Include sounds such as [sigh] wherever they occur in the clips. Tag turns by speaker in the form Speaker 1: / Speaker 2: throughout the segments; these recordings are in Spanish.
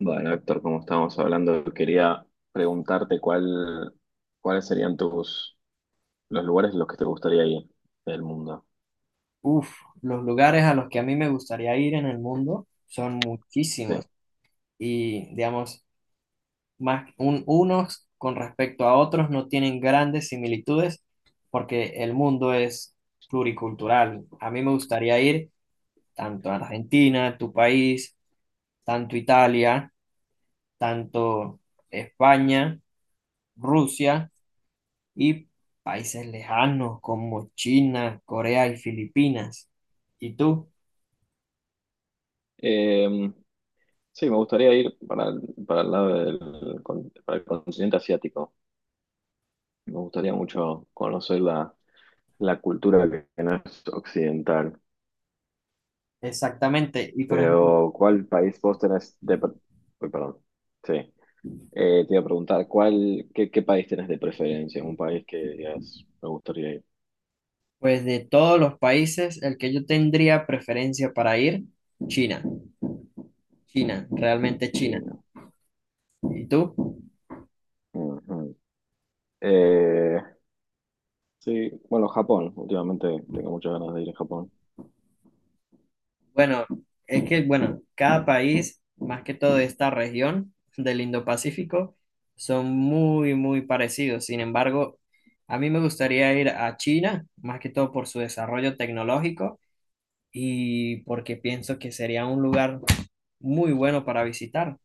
Speaker 1: Bueno, Héctor, como estábamos hablando, quería preguntarte cuáles serían tus los lugares en los que te gustaría ir del mundo.
Speaker 2: Uf, los lugares a los que a mí me gustaría ir en el mundo son
Speaker 1: Sí.
Speaker 2: muchísimos y digamos, más unos con respecto a otros no tienen grandes similitudes porque el mundo es pluricultural. A mí me gustaría ir tanto a Argentina, tu país, tanto Italia, tanto España, Rusia y países lejanos como China, Corea y Filipinas. ¿Y tú?
Speaker 1: Eh, sí, me gustaría ir para el para el continente asiático. Me gustaría mucho conocer la cultura que no es occidental.
Speaker 2: Exactamente. Y por ejemplo,
Speaker 1: Pero, ¿cuál país vos tenés Uy, perdón. Sí. Te iba a preguntar, qué país tenés de preferencia? Un país que digas, me gustaría ir.
Speaker 2: pues de todos los países, el que yo tendría preferencia para ir, China. China, realmente China.
Speaker 1: China.
Speaker 2: ¿Y tú?
Speaker 1: Ujú. Eh, sí, bueno, Japón. Últimamente tengo muchas ganas de ir a Japón.
Speaker 2: Bueno, es que, bueno, cada país, más que todo de esta región del Indo-Pacífico, son muy, muy parecidos. Sin embargo, a mí me gustaría ir a China, más que todo por su desarrollo tecnológico y porque pienso que sería un lugar muy bueno para visitar.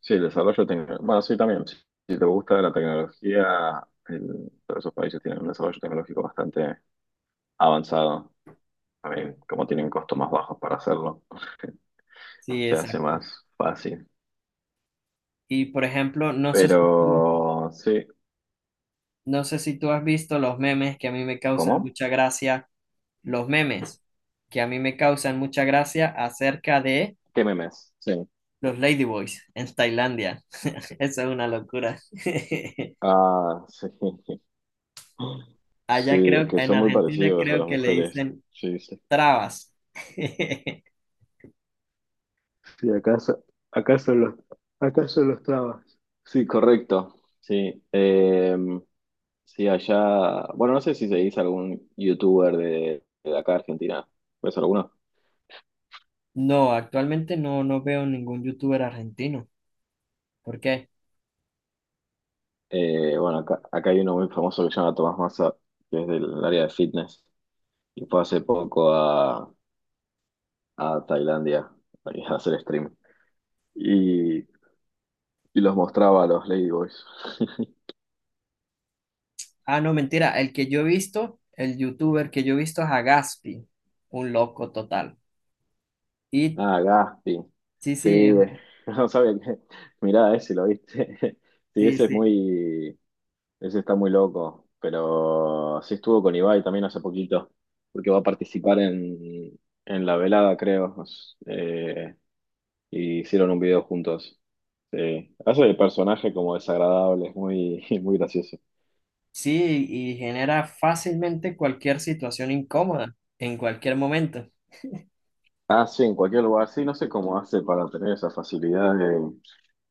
Speaker 1: Sí, el desarrollo tecnológico. Bueno, sí, también. Si, si te gusta la tecnología, todos esos países tienen un desarrollo tecnológico bastante avanzado. También, como tienen costos más bajos para hacerlo, [laughs]
Speaker 2: Sí,
Speaker 1: se hace
Speaker 2: exacto.
Speaker 1: más fácil.
Speaker 2: Y por ejemplo,
Speaker 1: Pero sí,
Speaker 2: no sé si tú has visto los memes que a mí me causan
Speaker 1: ¿cómo?
Speaker 2: mucha gracia, los memes que a mí me causan mucha gracia acerca de
Speaker 1: ¿Qué memes? Sí.
Speaker 2: los Ladyboys en Tailandia. [laughs] Eso es una locura. [laughs]
Speaker 1: Ah, sí. [laughs]
Speaker 2: Allá
Speaker 1: Sí,
Speaker 2: creo,
Speaker 1: que
Speaker 2: en
Speaker 1: son muy
Speaker 2: Argentina
Speaker 1: parecidos a
Speaker 2: creo
Speaker 1: las
Speaker 2: que le
Speaker 1: mujeres.
Speaker 2: dicen
Speaker 1: Sí, sí.
Speaker 2: trabas. [laughs]
Speaker 1: Sí, acaso, acaso los, acaso los trabas. Sí, correcto. Sí. Sí, allá. Bueno, no sé si seguís algún youtuber de acá de Argentina. ¿Ves alguno?
Speaker 2: No, actualmente no, no veo ningún youtuber argentino. ¿Por qué?
Speaker 1: Eh, bueno, acá hay uno muy famoso que se llama Tomás Massa, que es del área de fitness. Y fue hace poco a Tailandia a hacer stream. Y, y los mostraba a los Ladyboys. [laughs]
Speaker 2: Ah, no, mentira. El youtuber que yo he visto es Agaspi, un loco total. Y
Speaker 1: Ah, Gaspi.
Speaker 2: sí,
Speaker 1: Sí,
Speaker 2: sí, es-
Speaker 1: [laughs] no sabía que. Mirá, ese lo viste. [laughs] Sí,
Speaker 2: sí,
Speaker 1: ese es
Speaker 2: sí.
Speaker 1: muy. Ese está muy loco. Pero sí estuvo con Ibai también hace poquito. Porque va a participar en la velada, creo. Eh, y hicieron un video juntos. Sí. Hace el personaje como desagradable, es muy, [laughs] muy gracioso.
Speaker 2: Sí, y genera fácilmente cualquier situación incómoda en cualquier momento.
Speaker 1: Ah, sí, en cualquier lugar. Sí, no sé cómo hace para tener esa facilidad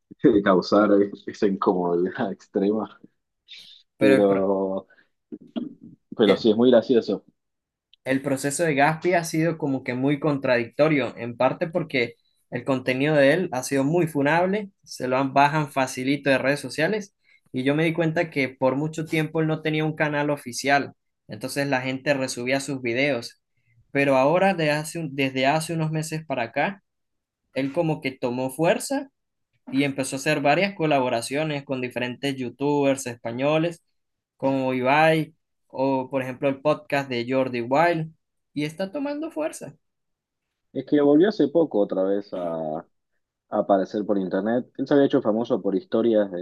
Speaker 1: [laughs] de causar esa incomodidad [laughs] extrema.
Speaker 2: Pero el, pro-
Speaker 1: Pero Pero
Speaker 2: el-
Speaker 1: sí, es muy gracioso.
Speaker 2: el proceso de Gaspi ha sido como que muy contradictorio, en parte porque el contenido de él ha sido muy funable, bajan facilito de redes sociales, y yo me di cuenta que por mucho tiempo él no tenía un canal oficial, entonces la gente resubía sus videos. Pero ahora, desde hace unos meses para acá, él como que tomó fuerza y empezó a hacer varias colaboraciones con diferentes youtubers españoles, como Ibai, o por ejemplo el podcast de Jordi Wild, y está tomando fuerza.
Speaker 1: Es que volvió hace poco otra vez a aparecer por internet. Él se había hecho famoso por historias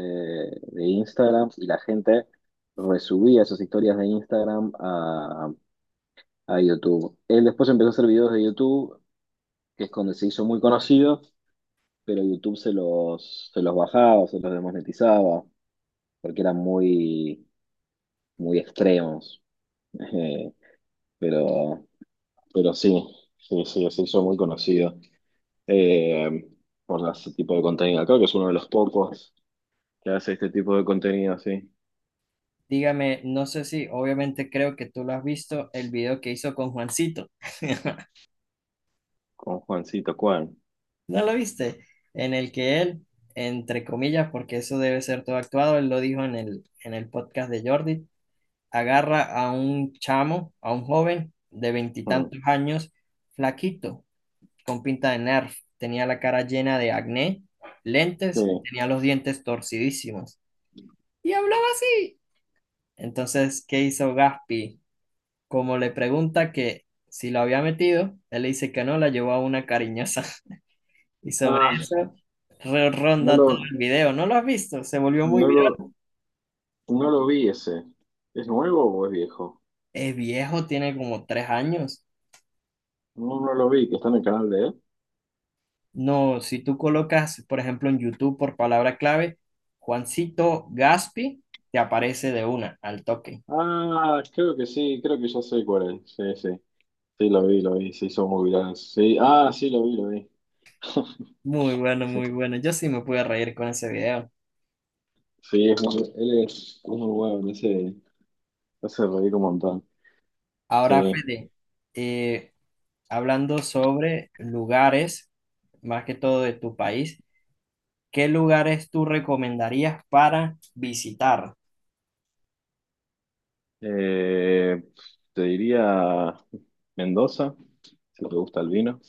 Speaker 1: de Instagram y la gente resubía esas historias de Instagram a YouTube. Él después empezó a hacer videos de YouTube, que es donde se hizo muy conocido, pero YouTube se los bajaba, se los desmonetizaba, porque eran muy extremos. [laughs] Eh, pero, pero sí, se hizo muy conocido, eh, por ese tipo de contenido. Creo que es uno de los pocos que hace este tipo de contenido así,
Speaker 2: Dígame, no sé si, obviamente creo que tú lo has visto, el video que hizo con Juancito. [laughs]
Speaker 1: con Juancito Juan.
Speaker 2: ¿No lo viste? En el que él, entre comillas, porque eso debe ser todo actuado, él lo dijo en el podcast de Jordi, agarra a un chamo, a un joven de
Speaker 1: Mm,
Speaker 2: veintitantos años, flaquito, con pinta de Nerf, tenía la cara llena de acné,
Speaker 1: sí.
Speaker 2: lentes y tenía los dientes torcidísimos. Y hablaba así. Entonces, ¿qué hizo Gaspi? Como le pregunta que si lo había metido, él le dice que no, la llevó a una cariñosa. [laughs] Y sobre
Speaker 1: Ah,
Speaker 2: eso
Speaker 1: no
Speaker 2: ronda todo
Speaker 1: lo,
Speaker 2: el video. ¿No lo has visto? Se volvió muy
Speaker 1: no
Speaker 2: viral.
Speaker 1: lo, no lo vi ese. ¿Es nuevo o es viejo?
Speaker 2: Es viejo, tiene como tres años.
Speaker 1: No, no lo vi, que está en el canal de él.
Speaker 2: No, si tú colocas, por ejemplo, en YouTube por palabra clave, Juancito Gaspi, te aparece de una, al toque.
Speaker 1: Ah, creo que sí, creo que ya sé cuál es. Sí, sí. Sí, lo vi, se hizo muy viral. Sí, ah, sí, lo vi, lo vi. [laughs]
Speaker 2: Muy bueno,
Speaker 1: Sí,
Speaker 2: muy bueno. Yo sí me pude reír con ese video.
Speaker 1: sí, él es muy bueno, me hace reír un montón.
Speaker 2: Ahora,
Speaker 1: Sí.
Speaker 2: Fede, eh, hablando sobre lugares, más que todo de tu país, ¿qué lugares tú recomendarías para visitar?
Speaker 1: Eh, Te diría Mendoza, si te gusta el vino.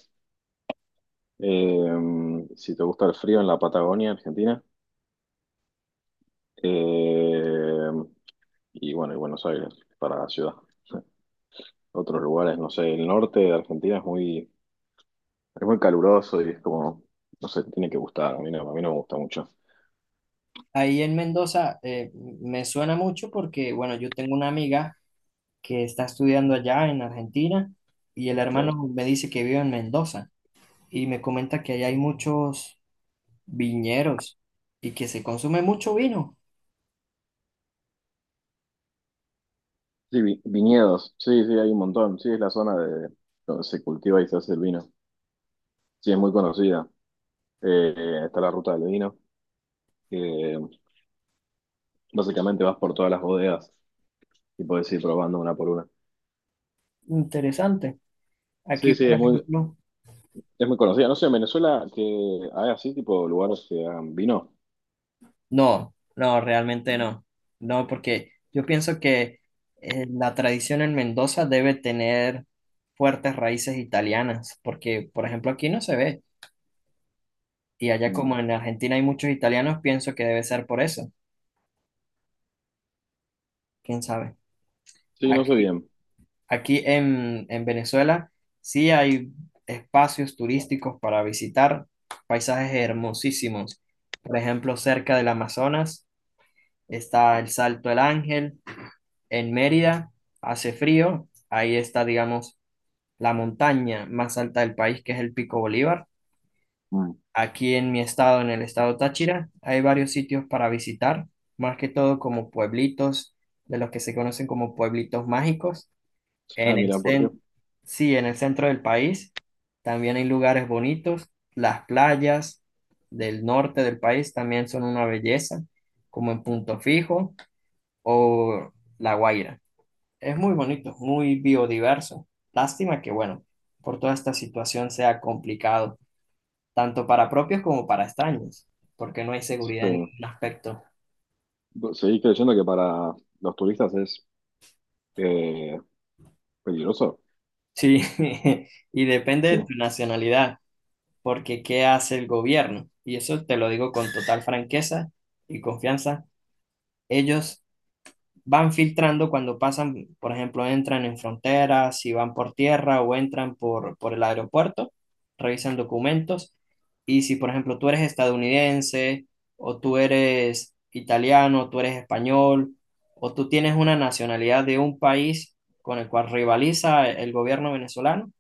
Speaker 1: Eh, si te gusta el frío en la Patagonia, Argentina. Eh, y bueno, y Buenos Aires, para la ciudad. Sí. Otros lugares, no sé, el norte de Argentina es muy caluroso y es como, no sé, tiene que gustar. A mí no me gusta mucho.
Speaker 2: Ahí en Mendoza me suena mucho porque, bueno, yo tengo una amiga que está estudiando allá en Argentina y el
Speaker 1: Sí,
Speaker 2: hermano me dice que vive en Mendoza y me comenta que allá hay muchos viñeros y que se consume mucho vino.
Speaker 1: Viñedos, sí, sí, hay un montón. Sí, es la zona de donde se cultiva y se hace el vino. Sí, es muy conocida. Está la ruta del vino. Eh, Básicamente vas por todas las bodegas y puedes ir probando una por una.
Speaker 2: Interesante.
Speaker 1: Sí,
Speaker 2: Aquí,
Speaker 1: sí,
Speaker 2: por
Speaker 1: es muy,
Speaker 2: ejemplo,
Speaker 1: es muy conocida. No sé, en Venezuela que hay así tipo lugares que hagan vino.
Speaker 2: no, no, realmente no. No, porque yo pienso que la tradición en Mendoza debe tener fuertes raíces italianas, porque, por ejemplo, aquí no se ve. Y allá
Speaker 1: Mm.
Speaker 2: como en Argentina hay muchos italianos, pienso que debe ser por eso. ¿Quién sabe?
Speaker 1: Sí, no sé
Speaker 2: Aquí,
Speaker 1: bien.
Speaker 2: aquí en Venezuela sí hay espacios turísticos para visitar, paisajes hermosísimos. Por ejemplo, cerca del Amazonas está el Salto del Ángel. En Mérida hace frío, ahí está, digamos, la montaña más alta del país, que es el Pico Bolívar.
Speaker 1: Mm.
Speaker 2: Aquí en mi estado, en el estado Táchira, hay varios sitios para visitar, más que todo como pueblitos, de los que se conocen como pueblitos mágicos.
Speaker 1: Ah,
Speaker 2: En el
Speaker 1: mira, ¿por qué?
Speaker 2: centro, sí, en el centro del país también hay lugares bonitos. Las playas del norte del país también son una belleza, como en Punto Fijo o La Guaira. Es muy bonito, muy biodiverso. Lástima que, bueno, por toda esta situación sea complicado, tanto para propios como para extraños, porque no hay seguridad en
Speaker 1: Sí.
Speaker 2: ningún aspecto.
Speaker 1: ¿Seguís creyendo que para los turistas es eh, peligroso?
Speaker 2: Sí, [laughs] y depende
Speaker 1: Sí.
Speaker 2: de tu nacionalidad, porque ¿qué hace el gobierno? Y eso te lo digo con total franqueza y confianza. Ellos van filtrando cuando pasan, por ejemplo, entran en fronteras, si van por tierra o entran por el aeropuerto, revisan documentos. Y si, por ejemplo, tú eres estadounidense o tú eres italiano, tú eres español o tú tienes una nacionalidad de un país con el cual rivaliza el gobierno venezolano,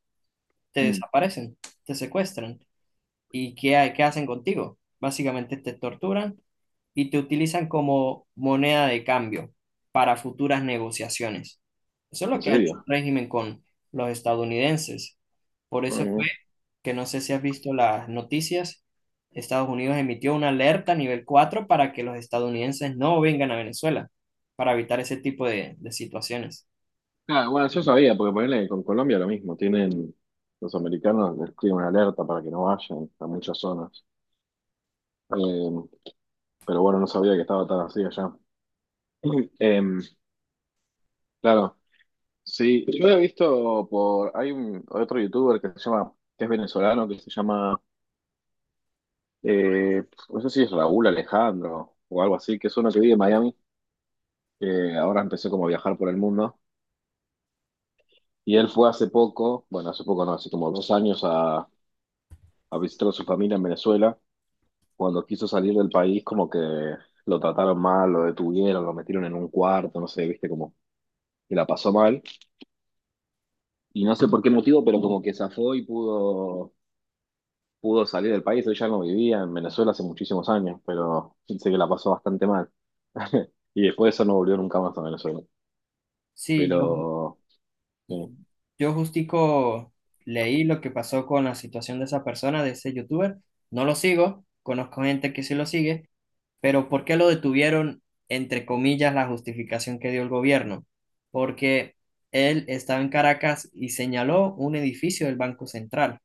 Speaker 2: te
Speaker 1: Mm.
Speaker 2: desaparecen, te secuestran. ¿Y qué hacen contigo? Básicamente te torturan y te utilizan como moneda de cambio para futuras negociaciones. Eso es
Speaker 1: ¿En
Speaker 2: lo que ha hecho
Speaker 1: serio?
Speaker 2: el régimen con los estadounidenses. Por eso
Speaker 1: Mm.
Speaker 2: fue que no sé si has visto las noticias, Estados Unidos emitió una alerta nivel 4 para que los estadounidenses no vengan a Venezuela, para evitar ese tipo de situaciones.
Speaker 1: Ah, bueno, yo sabía, porque ponele con Colombia lo mismo. Los americanos les escriben una alerta para que no vayan a muchas zonas. Eh, pero bueno, no sabía que estaba tan así allá. [clears throat] Em, claro, sí, yo he visto por, hay un otro youtuber que se llama, que es venezolano, que se llama, eh, no sé si es Raúl Alejandro o algo así, que es uno que vive en Miami, que ahora empezó como a viajar por el mundo, y él fue hace poco, bueno, hace poco no, hace como 2 años a visitar a su familia en Venezuela, cuando quiso salir del país como que lo trataron mal, lo detuvieron, lo metieron en un cuarto, no sé, viste, como que la pasó mal, y no sé por qué motivo, pero como que zafó pudo salir del país, ella no vivía en Venezuela hace muchísimos años, pero sé que la pasó bastante mal. [laughs] Y después de eso no volvió nunca más a Venezuela.
Speaker 2: Sí, yo,
Speaker 1: Pero, sí.
Speaker 2: yo justico leí lo que pasó con la situación de esa persona, de ese youtuber. No lo sigo, conozco gente que sí lo sigue. Pero ¿por qué lo detuvieron? Entre comillas, la justificación que dio el gobierno. Porque él estaba en Caracas y señaló un edificio del Banco Central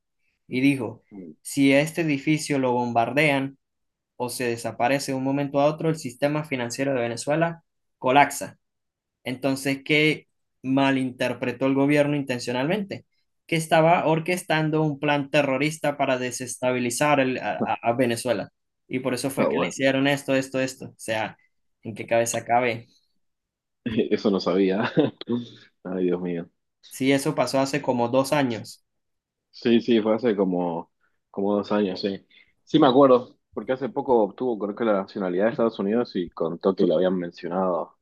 Speaker 2: y dijo,
Speaker 1: [laughs]
Speaker 2: si este edificio lo bombardean o se desaparece de un momento a otro, el sistema financiero de Venezuela colapsa. Entonces, ¿qué malinterpretó el gobierno intencionalmente? Que estaba orquestando un plan terrorista para desestabilizar a Venezuela. Y por eso
Speaker 1: Ah,
Speaker 2: fue que le
Speaker 1: bueno,
Speaker 2: hicieron esto, esto, esto. O sea, ¿en qué cabeza cabe?
Speaker 1: [laughs] eso no sabía. [laughs] Ay, Dios mío.
Speaker 2: Sí, eso pasó hace como dos años,
Speaker 1: Sí, como dos años, sí. Sí me acuerdo, porque hace poco obtuvo, creo que la nacionalidad de Estados Unidos y contó que lo habían mencionado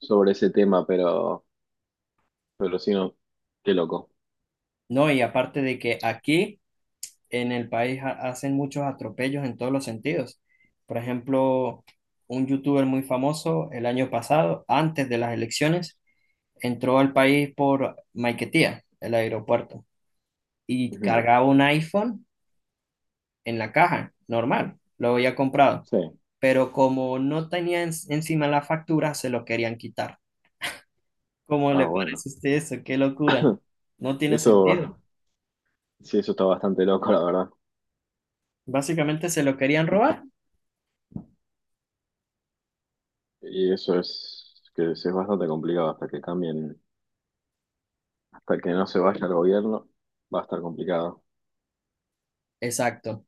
Speaker 1: sobre ese tema, pero sí, no, qué loco.
Speaker 2: ¿no? Y aparte de que aquí en el país hacen muchos atropellos en todos los sentidos. Por ejemplo, un youtuber muy famoso el año pasado, antes de las elecciones, entró al país por Maiquetía, el aeropuerto, y
Speaker 1: Ujú,
Speaker 2: cargaba un iPhone en la caja, normal, lo había comprado,
Speaker 1: Sí,
Speaker 2: pero como no tenía encima la factura, se lo querían quitar. ¿Cómo
Speaker 1: ah,
Speaker 2: le
Speaker 1: bueno.
Speaker 2: parece a usted eso? ¡Qué locura! No tiene sentido.
Speaker 1: Eso Sí, eso está bastante loco, la verdad.
Speaker 2: Básicamente se lo querían robar.
Speaker 1: Y eso es que es bastante complicado hasta que cambien, hasta que no se vaya el gobierno, va a estar complicado.
Speaker 2: Exacto.